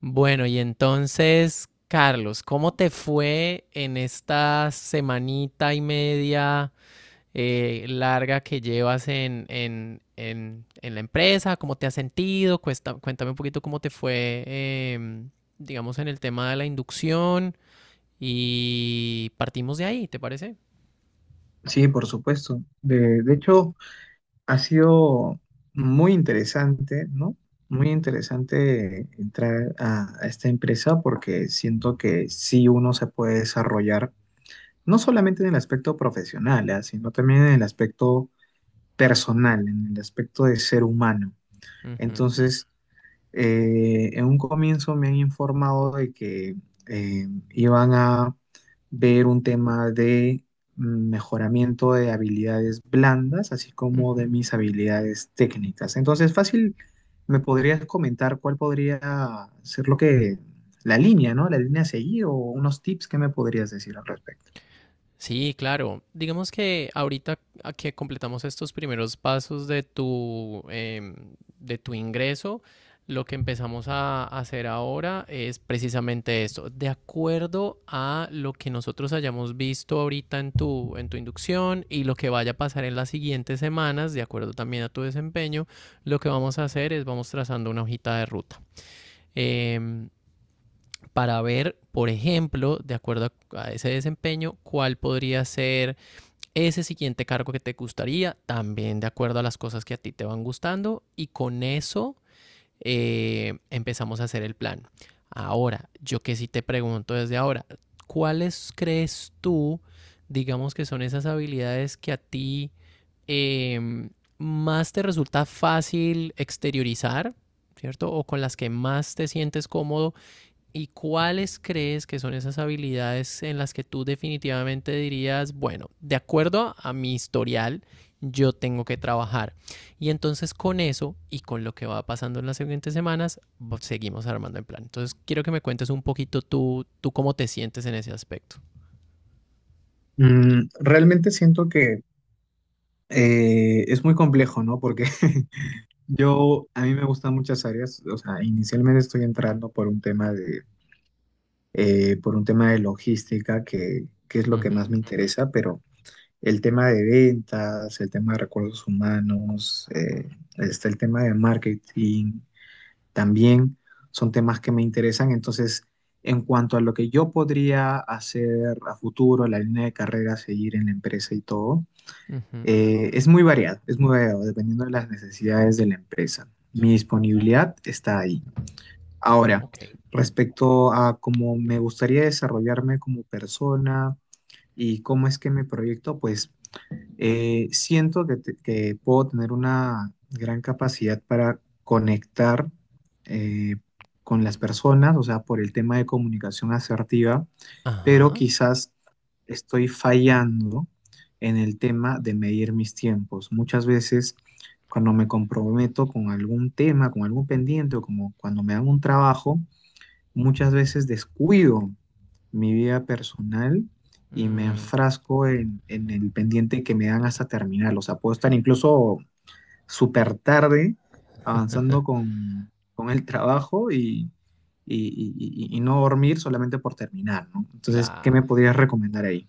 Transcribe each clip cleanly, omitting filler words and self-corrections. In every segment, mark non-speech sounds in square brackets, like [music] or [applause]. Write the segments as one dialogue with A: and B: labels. A: Bueno, y entonces, Carlos, ¿cómo te fue en esta semanita y media larga que llevas en la empresa? ¿Cómo te has sentido? Cuéntame un poquito cómo te fue, em, digamos, en el tema de la inducción y partimos de ahí, ¿te parece?
B: Sí, por supuesto. De hecho, ha sido muy interesante, ¿no? Muy interesante entrar a esta empresa porque siento que sí uno se puede desarrollar, no solamente en el aspecto profesional, ¿ah? Sino también en el aspecto personal, en el aspecto de ser humano.
A: Ujú,
B: Entonces, en un comienzo me han informado de que iban a ver un tema de mejoramiento de habilidades blandas, así como de
A: ujú.
B: mis habilidades técnicas. Entonces, fácil, ¿me podrías comentar cuál podría ser lo que, la línea, ¿no? La línea a seguir o unos tips que me podrías decir al respecto?
A: Sí, claro. Digamos que ahorita a que completamos estos primeros pasos de tu, de tu ingreso, lo que empezamos a hacer ahora es precisamente esto. De acuerdo a lo que nosotros hayamos visto ahorita en tu inducción y lo que vaya a pasar en las siguientes semanas, de acuerdo también a tu desempeño, lo que vamos a hacer es vamos trazando una hojita de ruta. em, para ver, por ejemplo, de acuerdo a ese desempeño, cuál podría ser ese siguiente cargo que te gustaría, también de acuerdo a las cosas que a ti te van gustando y con eso empezamos a hacer el plan. Ahora, yo que sí te pregunto desde ahora, ¿cuáles crees tú, digamos que son esas habilidades que a ti eh, más te resulta fácil exteriorizar, ¿cierto? O con las que más te sientes cómodo. ¿Y cuáles crees que son esas habilidades en las que tú definitivamente dirías, bueno, de acuerdo a mi historial, yo tengo que trabajar? Y entonces con eso y con lo que va pasando en las siguientes semanas, pues, seguimos armando el plan. Entonces quiero que me cuentes un poquito tú cómo te sientes en ese aspecto.
B: Realmente siento que es muy complejo, ¿no? Porque [laughs] a mí me gustan muchas áreas, o sea, inicialmente estoy entrando por un tema de, por un tema de logística, que es lo
A: Uh
B: que más
A: -huh,
B: me interesa, pero el tema de ventas, el tema de recursos humanos, está el tema de marketing, también son temas que me interesan. Entonces, en cuanto a lo que yo podría hacer a futuro, la línea de carrera, seguir en la empresa y todo.
A: uh -huh,
B: Es muy variado, es muy variado, dependiendo de las necesidades de la empresa. Mi disponibilidad está ahí. Ahora,
A: ok.
B: respecto a cómo me gustaría desarrollarme como persona y cómo es que me proyecto, pues siento que, que puedo tener una gran capacidad para conectar eh, con las personas, o sea, por el tema de comunicación asertiva, pero
A: Ajá.
B: quizás estoy fallando en el tema de medir mis tiempos. Muchas veces cuando me comprometo con algún tema, con algún pendiente, o como cuando me hago un trabajo, muchas veces descuido mi vida personal y me
A: Mm,
B: enfrasco en el pendiente que me dan
A: sí.
B: hasta terminarlo. O sea, puedo estar incluso súper tarde, avanzando con el trabajo y no dormir solamente por terminar, ¿no? Entonces, ¿qué me
A: Claro.
B: podrías recomendar ahí?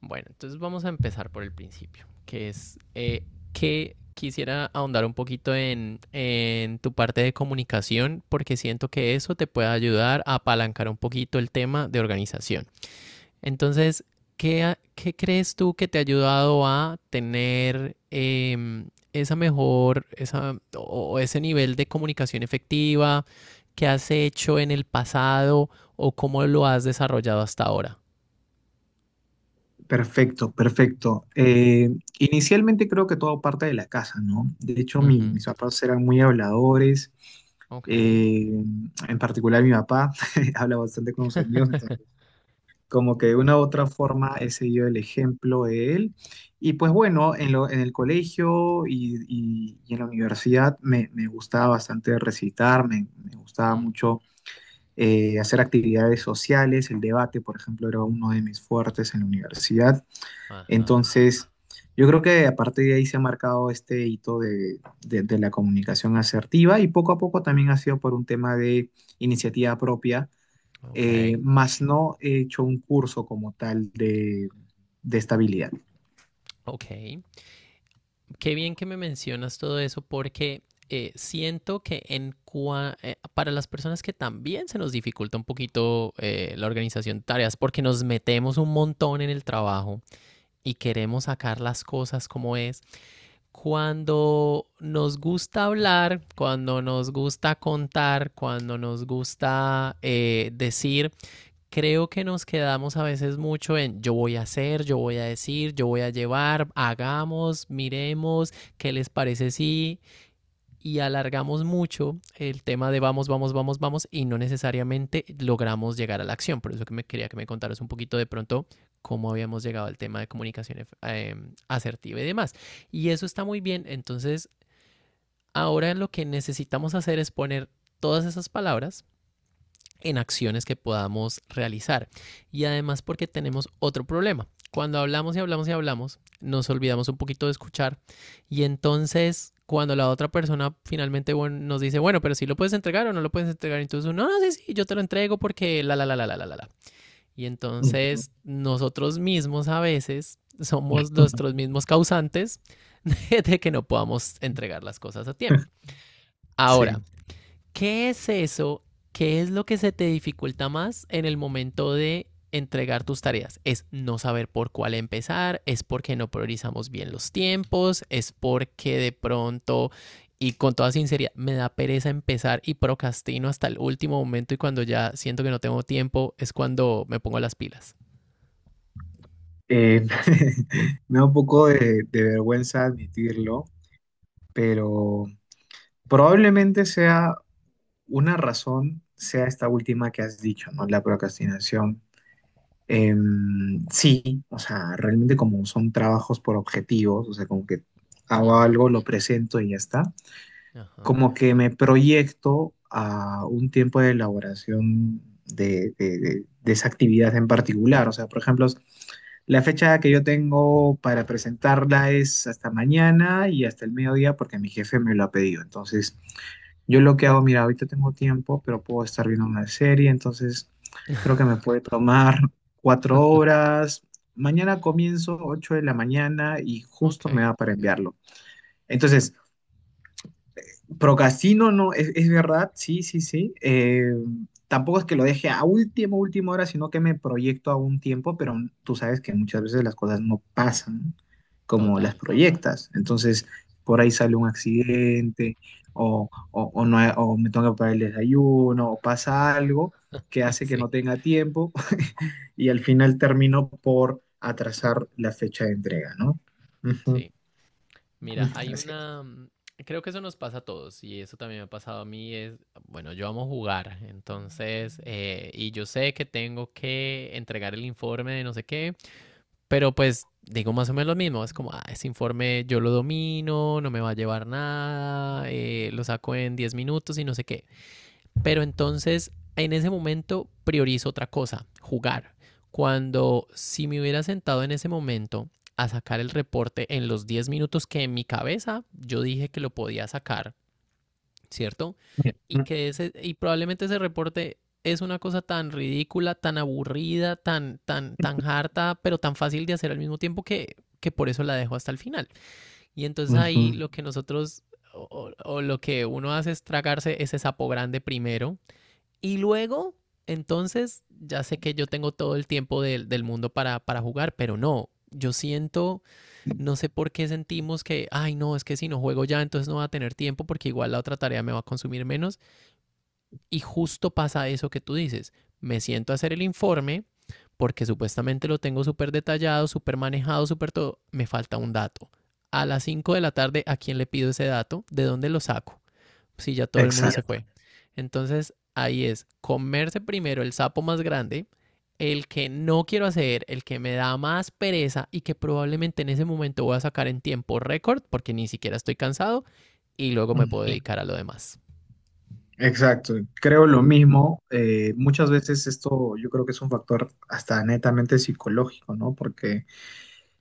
A: Bueno, entonces vamos a empezar por el principio, que es que quisiera ahondar un poquito en tu parte de comunicación, porque siento que eso te puede ayudar a apalancar un poquito el tema de organización. Entonces, ¿qué, ¿qué crees tú que te ha ayudado a tener esa mejor, esa, o ese nivel de comunicación efectiva que has hecho en el pasado o cómo lo has desarrollado hasta ahora?
B: Perfecto, perfecto. Inicialmente creo que todo parte de la casa, ¿no? De hecho,
A: Ujú,
B: mis papás eran muy habladores,
A: ok.
B: eh, en particular mi papá [laughs] habla bastante con sus amigos, como que de una u otra forma he seguido el ejemplo de él. Y pues bueno, en el colegio y en la universidad me gustaba bastante recitar, me gustaba
A: Mm.
B: mucho hacer actividades sociales, el debate, por ejemplo, era uno de mis fuertes en la universidad.
A: Ajá.
B: Entonces, yo creo que a partir de ahí se ha marcado este hito de, de la comunicación asertiva y poco a poco también ha sido por un tema de iniciativa propia,
A: Ok.
B: más no he hecho un curso como tal de estabilidad.
A: Ok. Qué bien que me mencionas todo eso porque siento que para las personas que también se nos dificulta un poquito la organización de tareas porque nos metemos un montón en el trabajo y queremos sacar las cosas como es. Cuando nos gusta hablar, cuando nos gusta contar, cuando nos gusta decir, creo que nos quedamos a veces mucho en yo voy a hacer, yo voy a decir, yo voy a llevar, hagamos, miremos, qué les parece si y alargamos mucho el tema de vamos, vamos, vamos, vamos y no necesariamente logramos llegar a la acción. Por eso que me quería que me contaras un poquito de pronto cómo habíamos llegado al tema de comunicación asertiva y demás. Y eso está muy bien. Entonces, ahora lo que necesitamos hacer es poner todas esas palabras en acciones que podamos realizar. Y además porque tenemos otro problema. Cuando hablamos y hablamos y hablamos, nos olvidamos un poquito de escuchar y entonces cuando la otra persona finalmente bueno, nos dice, bueno, pero si sí lo puedes entregar o no lo puedes entregar, entonces no, no, sí, sí, yo te lo entrego porque la, la, la, la, la, la, la. Y
B: Ujú.
A: entonces nosotros mismos a veces somos nuestros
B: [laughs]
A: mismos causantes [laughs] de que no podamos entregar las cosas a tiempo. Ahora,
B: Sí,
A: ¿qué es eso? ¿Qué es lo que se te dificulta más en el momento de entregar tus tareas? Es no saber por cuál empezar, es porque no priorizamos bien los tiempos, es porque de pronto, y con toda sinceridad, me da pereza empezar y procrastino hasta el último momento y cuando ya siento que no tengo tiempo es cuando me pongo las pilas.
B: eh, [laughs] me da un poco de vergüenza admitirlo, pero probablemente sea una razón, sea esta última que has dicho, ¿no? La procrastinación. Sí, o sea, realmente como son trabajos por objetivos, o sea, como que hago
A: Ujú,
B: algo, lo presento y ya está.
A: ajá.
B: Como que me proyecto a un tiempo de elaboración de, de esa actividad en particular. O sea, por ejemplo, la fecha que yo tengo para presentarla es hasta mañana y hasta el mediodía porque mi jefe me lo ha pedido. Entonces, yo lo que hago, mira, ahorita tengo tiempo, pero puedo estar viendo una serie, entonces creo que me puede tomar [laughs] 4 horas. Mañana comienzo 8 de la mañana y justo me
A: Ok.
B: da para enviarlo. Entonces, procrastino, no, es verdad, sí, sí, sí. Tampoco es que lo deje a última, última hora, sino que me proyecto a un tiempo, pero tú sabes que muchas veces las cosas no pasan como las
A: Total.
B: proyectas.
A: Sí.
B: Entonces, por ahí sale un accidente o no, o me tengo que pagar el desayuno o pasa algo que
A: [laughs]
B: hace que
A: Sí.
B: no tenga tiempo [laughs] y al final termino por atrasar la fecha de entrega, ¿no? Ujú,
A: Sí. Mira,
B: ujú,
A: hay
B: así es.
A: una... creo que eso nos pasa a todos y eso también me ha pasado a mí. Es, bueno, yo amo jugar, entonces, y yo sé que tengo que entregar el informe de no sé qué, pero pues digo más o menos lo mismo. Es como, ah, ese informe yo lo domino, no me va a llevar nada, lo saco en 10 minutos y no sé qué. Pero entonces, en ese momento, priorizo otra cosa, jugar. Cuando si me hubiera sentado en ese momento a sacar el reporte en los 10 minutos que en mi cabeza yo dije que lo podía sacar, ¿cierto? Y que ese, y probablemente ese reporte es una cosa tan ridícula, tan aburrida, tan, tan, tan harta, pero tan fácil de hacer al mismo tiempo que por eso la dejo hasta el final. Y entonces
B: Ujú.
A: ahí lo que nosotros o lo que uno hace es tragarse ese sapo grande primero y luego, entonces, ya sé que yo tengo todo el tiempo del mundo para jugar, pero no, yo siento, no sé por qué sentimos que, ay, no, es que si no juego ya, entonces no va a tener tiempo porque igual la otra tarea me va a consumir menos. Y justo pasa eso que tú dices, me siento a hacer el informe porque supuestamente lo tengo súper detallado, súper manejado, súper todo, me falta un dato. A las 5 de la tarde, ¿a quién le pido ese dato? ¿De dónde lo saco? Sí, ya todo el mundo se
B: Exacto.
A: fue. Entonces, ahí es comerse primero el sapo más grande, el que no quiero hacer, el que me da más pereza y que probablemente en ese momento voy a sacar en tiempo récord porque ni siquiera estoy cansado y luego me puedo dedicar a lo demás.
B: Exacto, creo lo mismo. Muchas veces esto yo creo que es un factor hasta netamente psicológico, ¿no? Porque,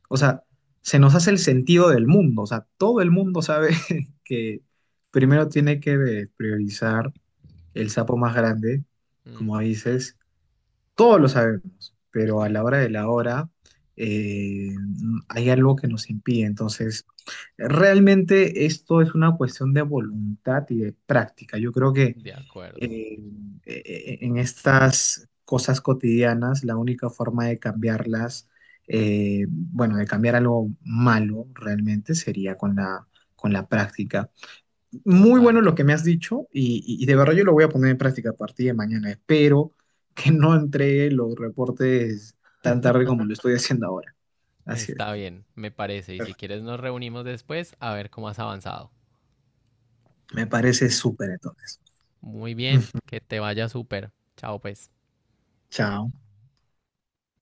B: o sea, se nos hace el sentido del mundo, o sea, todo el mundo sabe [laughs] que primero tiene que priorizar el sapo más grande,
A: Mm,
B: como dices, todos lo sabemos, pero a la
A: sí,
B: hora de la hora eh, hay algo que nos impide. Entonces, realmente esto es una cuestión de voluntad y de práctica. Yo creo que
A: de acuerdo,
B: eh, en estas cosas cotidianas, la única forma de cambiarlas, bueno, de cambiar algo malo realmente sería con la práctica. Muy bueno
A: total.
B: lo que me has dicho y de verdad yo lo voy a poner en práctica a partir de mañana. Espero que no entregue los reportes tan tarde como lo estoy haciendo ahora. Así es.
A: Está bien, me parece. Y si quieres nos reunimos después a ver cómo has avanzado.
B: Me parece súper entonces.
A: Muy bien,
B: Ujú.
A: que te vaya súper. Chao pues.
B: Chao.